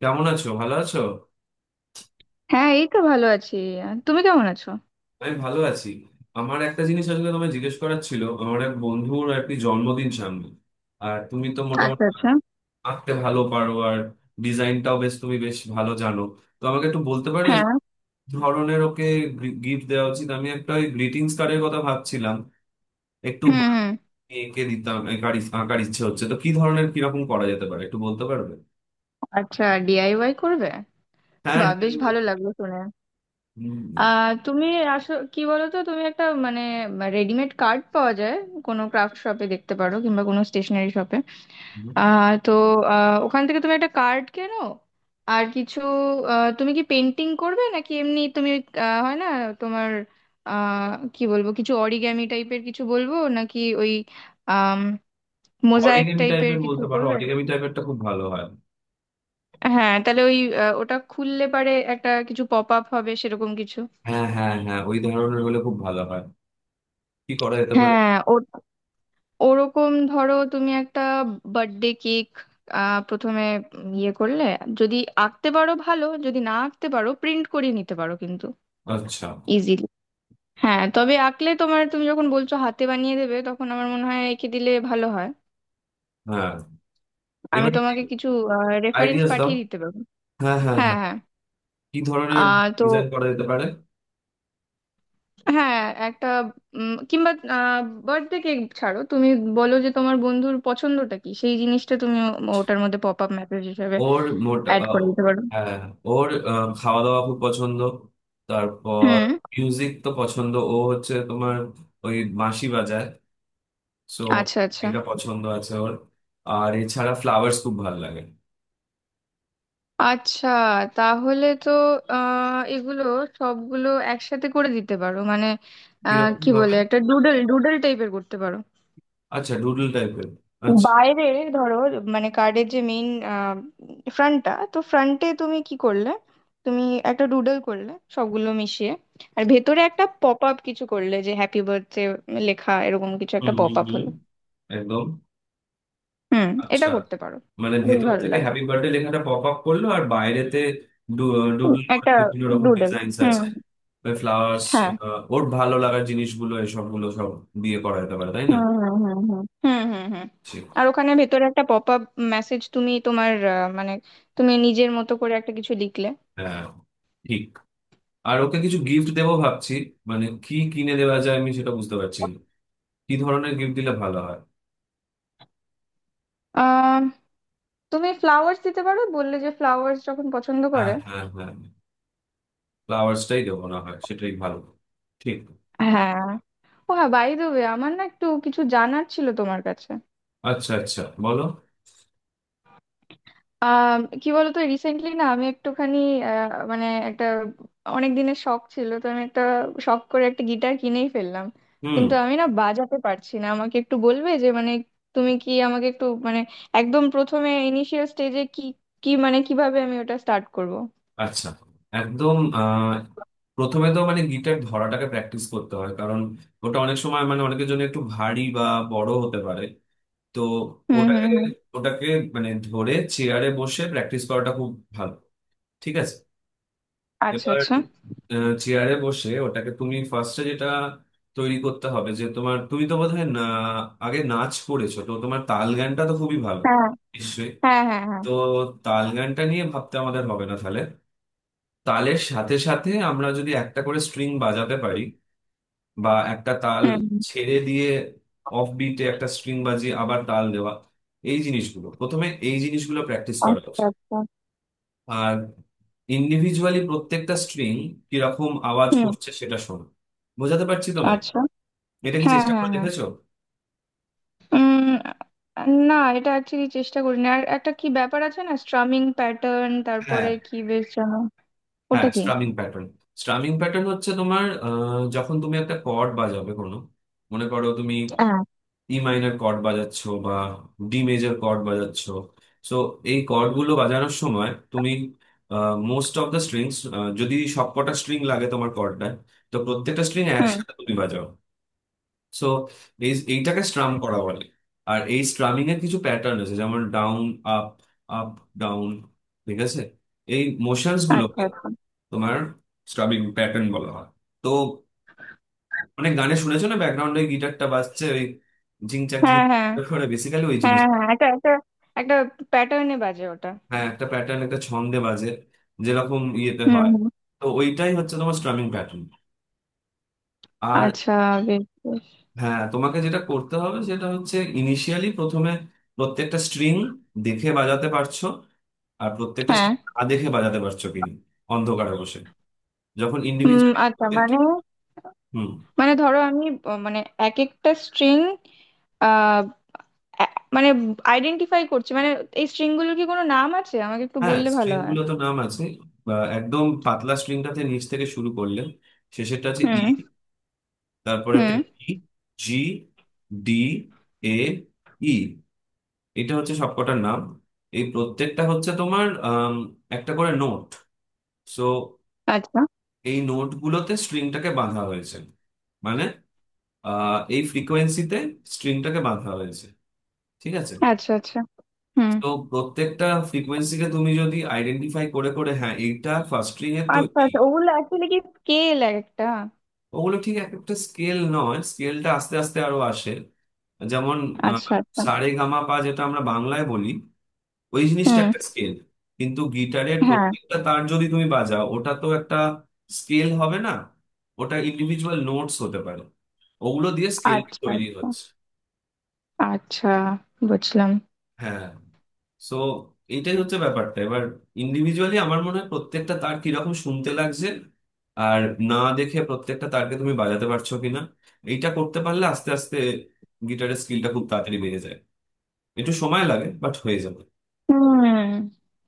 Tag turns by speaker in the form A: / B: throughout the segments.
A: কেমন আছো? ভালো আছো?
B: হ্যাঁ, এই তো ভালো আছি। তুমি কেমন আছো?
A: আমি ভালো আছি। আমার একটা জিনিস আসলে তোমায় জিজ্ঞেস করার ছিল। আমার এক বন্ধুর আর কি জন্মদিন সামনে, আর তুমি তো মোটামুটি
B: আচ্ছা, আচ্ছা।
A: আঁকতে ভালো পারো আর ডিজাইনটাও বেশ, তুমি বেশ ভালো জানো। তো আমাকে একটু বলতে পারবে যে
B: হ্যাঁ।
A: কি ধরনের ওকে গিফট দেওয়া উচিত? আমি একটা ওই গ্রিটিংস কার্ডের কথা ভাবছিলাম, একটু
B: হুম, হুম।
A: বানিয়ে এঁকে দিতাম। আঁকার ইচ্ছে হচ্ছে, তো কি ধরনের, কিরকম করা যেতে পারে একটু বলতে পারবে?
B: আচ্ছা, ডিআইওয়াই করবে?
A: হ্যাঁ,
B: বা, বেশ ভালো লাগলো শুনে। তুমি আসো, কি বলো তো, তুমি একটা মানে, রেডিমেড কার্ড পাওয়া যায়। কোনো ক্রাফট শপে দেখতে পারো, কিংবা কোনো স্টেশনারি শপে। তো, ওখান থেকে তুমি একটা কার্ড কেনো। আর কিছু, তুমি কি পেন্টিং করবে নাকি এমনি তুমি, হয় না তোমার, কি বলবো, কিছু অরিগ্যামি টাইপের কিছু বলবো নাকি ওই মোজাইক
A: অরিগেমি
B: টাইপের
A: টাইপের
B: কিছু
A: বলতে পারো,
B: করবেন?
A: অরিগেমি টাইপেরটা খুব ভালো হয়।
B: হ্যাঁ, তাহলে ওই ওটা খুললে পারে, একটা কিছু পপ আপ হবে সেরকম কিছু।
A: হ্যাঁ, হ্যাঁ, হ্যাঁ, ওই ধরনের হলে খুব ভালো হয়। কি করা যেতে পারে?
B: হ্যাঁ, ও, ওরকম ধরো, তুমি একটা বার্থডে কেক প্রথমে ইয়ে করলে, যদি আঁকতে পারো ভালো, যদি না আঁকতে পারো প্রিন্ট করিয়ে নিতে পারো, কিন্তু
A: আচ্ছা।
B: ইজিলি। হ্যাঁ, তবে আঁকলে তোমার, তুমি যখন বলছো হাতে বানিয়ে দেবে, তখন আমার মনে হয় এঁকে দিলে ভালো হয়।
A: হ্যাঁ,
B: আমি
A: এবারে
B: তোমাকে কিছু রেফারেন্স
A: আইডিয়াস দাও।
B: পাঠিয়ে দিতে পারবো।
A: হ্যাঁ, হ্যাঁ,
B: হ্যাঁ,
A: হ্যাঁ।
B: হ্যাঁ।
A: কি ধরনের
B: তো,
A: ডিজাইন করা যেতে পারে?
B: হ্যাঁ, একটা কিংবা বার্থডে কেক ছাড়ো তুমি। বলো যে তোমার বন্ধুর পছন্দটা কি, সেই জিনিসটা তুমি ওটার মধ্যে পপ আপ মেসেজ হিসেবে
A: ওর মোটা
B: অ্যাড করে দিতে পারো।
A: হ্যাঁ, ওর খাওয়া দাওয়া খুব পছন্দ। তারপর
B: হুম।
A: মিউজিক তো পছন্দ ও হচ্ছে তোমার, ওই বাঁশি বাজায়। সো
B: আচ্ছা, আচ্ছা।
A: এটা পছন্দ আছে ওর। আর এছাড়া ফ্লাওয়ার্স খুব ভালো লাগে।
B: আচ্ছা, তাহলে তো এগুলো সবগুলো একসাথে করে দিতে পারো, মানে
A: কিরকম
B: কি
A: ভাবে?
B: বলে, একটা ডুডল ডুডল টাইপের করতে পারো।
A: আচ্ছা, ডুডল টাইপের। আচ্ছা।
B: বাইরে, ধরো, মানে কার্ডের যে মেইন ফ্রন্টটা, তো ফ্রন্টে তুমি কি করলে, তুমি একটা ডুডল করলে সবগুলো মিশিয়ে। আর ভেতরে একটা পপ আপ কিছু করলে, যে হ্যাপি বার্থডে লেখা, এরকম কিছু
A: হুম,
B: একটা পপ
A: হুম,
B: আপ
A: হুম,
B: হলো।
A: একদম।
B: হুম। এটা
A: আচ্ছা,
B: করতে পারো।
A: মানে
B: বেশ
A: ভেতর
B: ভালো
A: থেকে
B: লাগবে।
A: হ্যাপি বার্থডে লেখাটা পপ আপ করলো আর বাইরেতে ডুডল
B: হুম,
A: করে
B: একটা
A: বিভিন্ন রকম
B: ডুডল।
A: ডিজাইনস
B: হুম।
A: আছে, ওই ফ্লাওয়ার্স,
B: হ্যাঁ।
A: ওর ভালো লাগার জিনিসগুলো, এসবগুলো সব দিয়ে করা যেতে পারে, তাই না?
B: হুম, হুম, হুম, হুম, হুম, হুম, হুম।
A: ঠিক।
B: আর ওখানে ভেতরে একটা পপ আপ মেসেজ, তুমি তোমার মানে, তুমি নিজের মতো করে একটা কিছু লিখলে।
A: হ্যাঁ, ঠিক। আর ওকে কিছু গিফট দেবো ভাবছি, মানে কি কিনে দেওয়া যায় আমি সেটা বুঝতে পারছি না। কি ধরনের গিফট দিলে ভালো হয়?
B: তুমি ফ্লাওয়ার্স দিতে পারো, বললে যে ফ্লাওয়ার্স যখন পছন্দ
A: হ্যাঁ,
B: করে।
A: হ্যাঁ, হ্যাঁ, ফ্লাওয়ার্সটাই দেবো না হয়, সেটাই ভালো। ঠিক।
B: হ্যাঁ। ও হ্যাঁ, বাই দ্য ওয়ে, আমার না একটু কিছু জানার ছিল তোমার কাছে।
A: আচ্ছা, আচ্ছা, বলো।
B: আম, কি বলতো, রিসেন্টলি না আমি একটুখানি, মানে একটা, অনেক দিনের শখ ছিল তো, আমি একটা শখ করে একটা গিটার কিনেই ফেললাম।
A: হুম।
B: কিন্তু আমি না বাজাতে পারছি, না আমাকে একটু বলবে যে মানে, তুমি কি আমাকে একটু মানে, একদম প্রথমে ইনিশিয়াল স্টেজে কি, কি মানে কিভাবে আমি ওটা স্টার্ট করব?
A: আচ্ছা, একদম প্রথমে তো মানে গিটার ধরাটাকে প্র্যাকটিস করতে হয়, কারণ ওটা অনেক সময় মানে অনেকের জন্য একটু ভারী বা বড় হতে পারে। তো
B: হুম, হুম,
A: ওটাকে
B: হুম।
A: ওটাকে মানে ধরে চেয়ারে বসে প্র্যাকটিস করাটা খুব ভালো। ঠিক আছে?
B: আচ্ছা,
A: এবার
B: আচ্ছা।
A: চেয়ারে বসে ওটাকে তুমি ফার্স্টে যেটা তৈরি করতে হবে যে তোমার, তুমি তো বোধহয় না আগে নাচ করেছো, তো তোমার তাল গানটা তো খুবই ভালো
B: হ্যাঁ,
A: নিশ্চয়ই।
B: হ্যাঁ, হ্যাঁ, হ্যাঁ।
A: তো তাল গানটা নিয়ে ভাবতে আমাদের হবে না তাহলে। তালের সাথে সাথে আমরা যদি একটা করে স্ট্রিং বাজাতে পারি, বা একটা তাল
B: হুম।
A: ছেড়ে দিয়ে অফ বিটে একটা স্ট্রিং বাজিয়ে আবার তাল দেওয়া, এই জিনিসগুলো প্রথমে, এই জিনিসগুলো প্র্যাকটিস করা
B: আচ্ছা,
A: উচিত।
B: আচ্ছা।
A: আর ইন্ডিভিজুয়ালি প্রত্যেকটা স্ট্রিং কিরকম আওয়াজ
B: হুম।
A: করছে সেটা শোনো। বোঝাতে পারছি তোমায়?
B: আচ্ছা।
A: এটা কি
B: হ্যাঁ,
A: চেষ্টা
B: হ্যাঁ,
A: করে
B: হ্যাঁ।
A: দেখেছো?
B: উম। না, এটা অ্যাকচুয়ালি চেষ্টা করিনি। আর একটা কি ব্যাপার আছে না, স্ট্রামিং প্যাটার্ন, তারপরে
A: হ্যাঁ,
B: কি বেশ যেন,
A: হ্যাঁ,
B: ওটা কি?
A: Strumming pattern. স্ট্রামিং প্যাটার্ন হচ্ছে তোমার, যখন তুমি একটা কর্ড বাজাবে কোনো, মনে করো তুমি
B: হ্যাঁ।
A: ই মাইনর কর্ড বাজাচ্ছ, বা ডি মেজর কর্ড বাজাচ্ছ, সো এই কর্ডগুলো বাজানোর সময় তুমি মোস্ট অফ দ্য স্ট্রিংস, যদি সবকটা স্ট্রিং লাগে তোমার কর্ডটা, তো প্রত্যেকটা স্ট্রিং
B: হুম।
A: একসাথে তুমি বাজাও। সো এইটাকে স্ট্রাম করা বলে। আর এই স্ট্রামিং এর কিছু প্যাটার্ন আছে, যেমন ডাউন, আপ, আপ, ডাউন। ঠিক আছে? এই মোশনস
B: আচ্ছা,
A: গুলোকে
B: আচ্ছা।
A: তোমার স্ট্রামিং প্যাটার্ন বলা হয়। তো মানে গানে শুনেছো না, ব্যাকগ্রাউন্ডে গিটারটা বাজছে ওই ঝিং ঝাক ঝিং
B: হ্যাঁ, হ্যাঁ,
A: ঝাক করে, বেসিক্যালি ওই জিনিস।
B: হ্যাঁ, হ্যাঁ, একটা একটা একটা প্যাটার্নে বাজে ওটা।
A: হ্যাঁ, একটা প্যাটার্ন, একটা ছন্দে বাজে, যেরকম ইয়েতে
B: হুম,
A: হয়।
B: হুম।
A: তো ওইটাই হচ্ছে তোমার স্ট্রামিং প্যাটার্ন। আর
B: আচ্ছা, বেশ বেশ।
A: হ্যাঁ, তোমাকে যেটা করতে হবে সেটা হচ্ছে ইনিশিয়ালি প্রথমে প্রত্যেকটা স্ট্রিং দেখে বাজাতে পারছো, আর প্রত্যেকটা
B: হ্যাঁ।
A: স্ট্রিং না দেখে বাজাতে পারছো কিনা, অন্ধকারে বসে, যখন
B: হুম।
A: ইন্ডিভিজুয়ালি
B: আচ্ছা,
A: প্রত্যেকটা।
B: মানে,
A: হুম।
B: মানে ধরো আমি, মানে এক একটা স্ট্রিং, মানে আইডেন্টিফাই করছি, মানে এই স্ট্রিং গুলোর কি কোনো নাম আছে? আমাকে একটু
A: হ্যাঁ,
B: বললে ভালো
A: স্ট্রিং
B: হয়।
A: গুলো তো নাম আছে। বা একদম পাতলা স্ট্রিংটাতে নিচ থেকে শুরু করলে শেষেরটা আছে ই,
B: হুম,
A: তারপরে একটা
B: হুম।
A: ই, জি, ডি, এ, ই, এটা হচ্ছে সবকটার নাম। এই প্রত্যেকটা হচ্ছে তোমার একটা করে নোট। সো
B: আচ্ছা,
A: এই নোটগুলোতে স্ট্রিংটাকে বাঁধা হয়েছে, মানে এই ফ্রিকোয়েন্সিতে স্ট্রিংটাকে বাঁধা হয়েছে। ঠিক আছে?
B: আচ্ছা। আচ্ছা। হুম।
A: তো প্রত্যেকটা ফ্রিকোয়েন্সিকে তুমি যদি আইডেন্টিফাই করে করে, হ্যাঁ এইটা ফার্স্ট স্ট্রিং এর, তো
B: আচ্ছা,
A: ই,
B: আচ্ছা, ওগুলো অ্যাকচুয়ালি কি স্কেল একটা?
A: ওগুলো ঠিক এক একটা স্কেল নয়, স্কেলটা আস্তে আস্তে আরো আসে। যেমন আহ,
B: আচ্ছা, আচ্ছা।
A: সা রে গা মা পা যেটা আমরা বাংলায় বলি, ওই জিনিসটা
B: হুম।
A: একটা স্কেল। কিন্তু গিটারের
B: হ্যাঁ।
A: প্রত্যেকটা তার যদি তুমি বাজাও ওটা তো একটা স্কেল হবে না, ওটা ইন্ডিভিজুয়াল নোটস হতে পারে। ওগুলো দিয়ে স্কেল
B: আচ্ছা,
A: তৈরি
B: আচ্ছা,
A: হচ্ছে।
B: আচ্ছা, বুঝলাম।
A: হ্যাঁ, সো এটাই হচ্ছে ব্যাপারটা। এবার ইন্ডিভিজুয়ালি আমার মনে হয় প্রত্যেকটা তার কিরকম শুনতে লাগছে আর না দেখে প্রত্যেকটা তারকে তুমি বাজাতে পারছো কিনা, এইটা করতে পারলে আস্তে আস্তে গিটারের স্কিলটা খুব তাড়াতাড়ি বেড়ে যায়। একটু সময় লাগে বাট হয়ে যাবে,
B: হুম।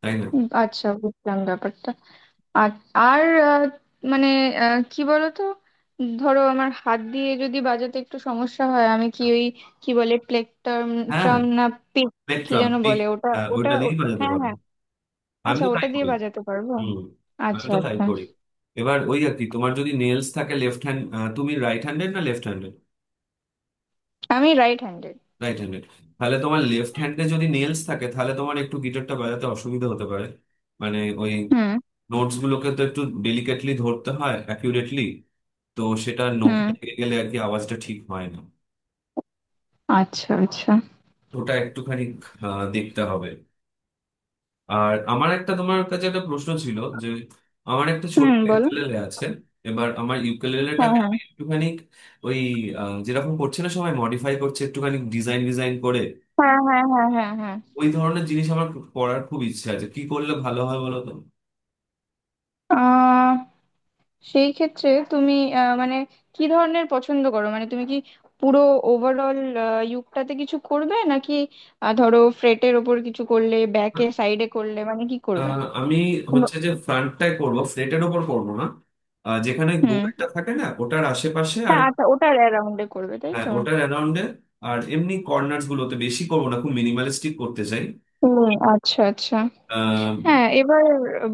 A: তাই না?
B: আচ্ছা, বুঝলাম ব্যাপারটা। আর, আর, আহ, মানে, কি বলতো, ধরো আমার হাত দিয়ে যদি বাজাতে একটু সমস্যা হয়, আমি কি ওই কি বলে প্লেকটার্ম,
A: হ্যাঁ,
B: ট্রাম, না পিক, কি
A: পেট্রাম
B: যেন
A: পিক,
B: বলে ওটা?
A: হ্যাঁ,
B: ওটা
A: ওইটা দিয়েই বাজাতে
B: হ্যাঁ,
A: পারো।
B: হ্যাঁ।
A: আমি
B: আচ্ছা,
A: তো তাই
B: ওটা দিয়ে
A: করি।
B: বাজাতে পারবো।
A: হুম, আমি
B: আচ্ছা,
A: তো তাই
B: আচ্ছা।
A: করি। এবার ওই আর কি তোমার যদি নেলস থাকে লেফট হ্যান্ড, তুমি রাইট হ্যান্ডেড না লেফট হ্যান্ডেড?
B: আমি রাইট হ্যান্ডেড।
A: Right handed? তাহলে তোমার লেফট হ্যান্ডে যদি নেলস থাকে তাহলে তোমার একটু গিটারটা বাজাতে অসুবিধা হতে পারে। মানে ওই
B: হুম,
A: নোটস গুলোকে তো একটু ডেলিকেটলি ধরতে হয়, অ্যাকিউরেটলি, তো সেটা নখে
B: হুম।
A: লেগে গেলে আর কি আওয়াজটা ঠিক হয় না।
B: আচ্ছা, আচ্ছা।
A: ওটা একটুখানি দেখতে হবে। আর আমার একটা, তোমার কাছে একটা প্রশ্ন ছিল যে আমার একটা ছোট্ট
B: হুম, বলো।
A: ইউকেলেলে আছে। এবার আমার
B: হ্যাঁ,
A: ইউকেলেলেটাকে
B: হ্যাঁ।
A: আমি একটুখানি ওই, যেরকম করছে না সবাই মডিফাই করছে, একটুখানি ডিজাইন ডিজাইন করে,
B: হ্যাঁ, হ্যাঁ, হ্যাঁ, হ্যাঁ, হ্যাঁ।
A: ওই ধরনের জিনিস আমার খুব করার খুব ইচ্ছে আছে, কি করলে ভালো হয় বলো তো?
B: আ সেই ক্ষেত্রে তুমি, মানে কি ধরনের পছন্দ করো? মানে তুমি কি পুরো ওভারঅল, আ ইউকটাতে কিছু করবে নাকি, ধরো ফ্রেটের ওপর কিছু করলে, ব্যাকে সাইডে করলে, মানে কি করবে?
A: আহ, আমি
B: ব
A: হচ্ছে যে ফ্রন্টটাই করব, ফ্লেটের ওপর করব না, যেখানে
B: হুম।
A: গোলটা থাকে না ওটার আশেপাশে, আর
B: হ্যাঁ, আচ্ছা, ওটার অ্যারাউন্ডে করবে, তাই
A: হ্যাঁ
B: তো?
A: ওটার অ্যারাউন্ডে। আর এমনি কর্নার্স গুলোতে বেশি করবো না, খুব মিনিমালিস্টিক করতে চাই।
B: হুম, আচ্ছা, আচ্ছা।
A: আহ,
B: হ্যাঁ, এবার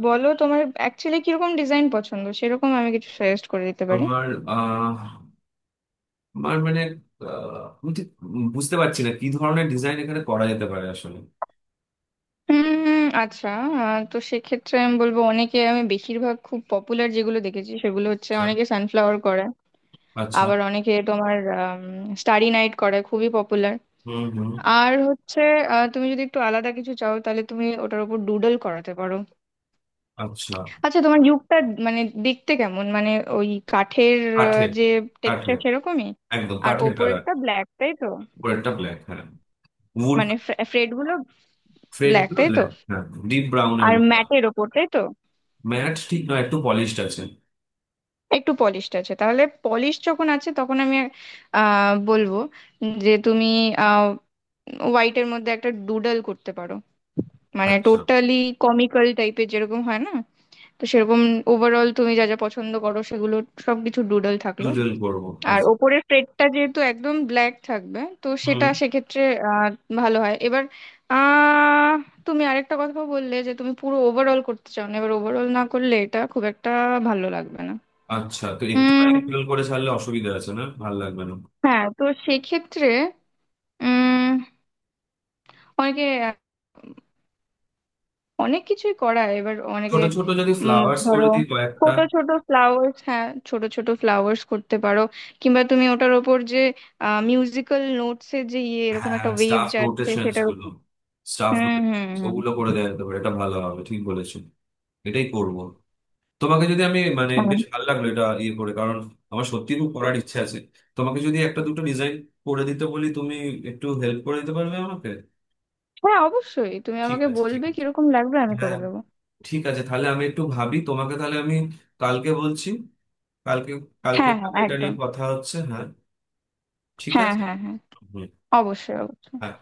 B: বলো তোমার অ্যাকচুয়ালি কিরকম ডিজাইন পছন্দ? সেরকম আমি কিছু সাজেস্ট করে দিতে পারি।
A: আমার আহ, আমার মানে আহ, আমি ঠিক বুঝতে পারছি না কি ধরনের ডিজাইন এখানে করা যেতে পারে আসলে।
B: আচ্ছা, তো সেক্ষেত্রে আমি বলবো, অনেকে, আমি বেশিরভাগ খুব পপুলার যেগুলো দেখেছি সেগুলো হচ্ছে,
A: আচ্ছা,
B: অনেকে সানফ্লাওয়ার করে।
A: আচ্ছা।
B: আবার অনেকে তোমার স্টারি নাইট করে, খুবই পপুলার।
A: হুম, হুম।
B: আর হচ্ছে, তুমি যদি একটু আলাদা কিছু চাও তাহলে তুমি ওটার উপর ডুডল করাতে পারো।
A: আচ্ছা।
B: আচ্ছা, তোমার ইউকটা, মানে দেখতে কেমন, মানে ওই কাঠের,
A: কাঠের,
B: যে
A: কাঠের,
B: টেক্সচার সেরকমই।
A: একদম
B: আর
A: কাঠের কালার।
B: ওপরেরটা ব্ল্যাক, তাই তো?
A: উপরেরটা ব্ল্যাক, হ্যাঁ উড।
B: মানে ফ্রেড গুলো
A: ফ্রেড
B: ব্ল্যাক,
A: গুলো,
B: তাই তো?
A: হ্যাঁ, ডিপ ব্রাউন এর
B: আর
A: মতো।
B: ম্যাটের ওপর, তাই তো?
A: ম্যাট ঠিক নয়, একটু পলিশড আছে।
B: একটু পলিশড আছে, তাহলে পলিশ যখন আছে তখন আমি বলবো যে তুমি হোয়াইটের মধ্যে একটা ডুডল করতে পারো। মানে
A: আচ্ছা,
B: টোটালি কমিক্যাল টাইপের, যেরকম হয় না, তো সেরকম ওভারঅল তুমি যা যা পছন্দ করো সেগুলো সবকিছু ডুডল থাকলো।
A: ডুডল করবো।
B: আর
A: আচ্ছা।
B: ওপরের প্লেটটা যেহেতু একদম ব্ল্যাক থাকবে, তো
A: হুম।
B: সেটা সেক্ষেত্রে আহ, ভালো হয়। এবার আহ, তুমি আরেকটা কথা বললে যে তুমি পুরো ওভারঅল করতে চাও না, এবার ওভারঅল না করলে এটা খুব একটা ভালো লাগবে
A: আচ্ছা, তো একটুখানি
B: না।
A: ডুডল করে ছাড়লে অসুবিধা আছে? না ভালো লাগবে না?
B: হ্যাঁ, তো সেক্ষেত্রে উম, অনেকে অনেক কিছুই করায়, এবার অনেকে
A: ছোট ছোট যদি
B: উম,
A: ফ্লাওয়ার্স করে
B: ধরো,
A: দিই কয়েকটা?
B: ছোট ছোট ফ্লাওয়ার্স, হ্যাঁ, ছোট ছোট ফ্লাওয়ার্স করতে পারো। কিংবা তুমি ওটার ওপর যে মিউজিক্যাল নোটস এর যে ইয়ে, এরকম
A: হ্যাঁ,
B: একটা ওয়েভ
A: স্টাফ
B: যাচ্ছে,
A: নোটেশনস
B: সেটার
A: গুলো,
B: উপর।
A: স্টাফ,
B: হুম, হুম, হুম।
A: ওগুলো করে দেওয়া যেতে পারে, এটা ভালো হবে, ঠিক বলেছো, এটাই করব। তোমাকে যদি আমি মানে,
B: হুম।
A: বেশ ভালো লাগলো এটা ইয়ে করে, কারণ আমার সত্যি খুব করার ইচ্ছে আছে। তোমাকে যদি একটা দুটো ডিজাইন করে দিতে বলি তুমি একটু হেল্প করে দিতে পারবে আমাকে?
B: হ্যাঁ, অবশ্যই, তুমি
A: ঠিক
B: আমাকে
A: আছে, ঠিক
B: বলবে
A: আছে।
B: কিরকম লাগবে, আমি করে
A: হ্যাঁ,
B: দেবো।
A: ঠিক আছে, তাহলে আমি একটু ভাবি। তোমাকে তাহলে আমি কালকে বলছি, কালকে, কালকে
B: হ্যাঁ, হ্যাঁ,
A: তাহলে এটা নিয়ে
B: একদম।
A: কথা হচ্ছে, হ্যাঁ। ঠিক
B: হ্যাঁ,
A: আছে।
B: হ্যাঁ, হ্যাঁ।
A: হুম।
B: অবশ্যই, অবশ্যই।
A: হ্যাঁ।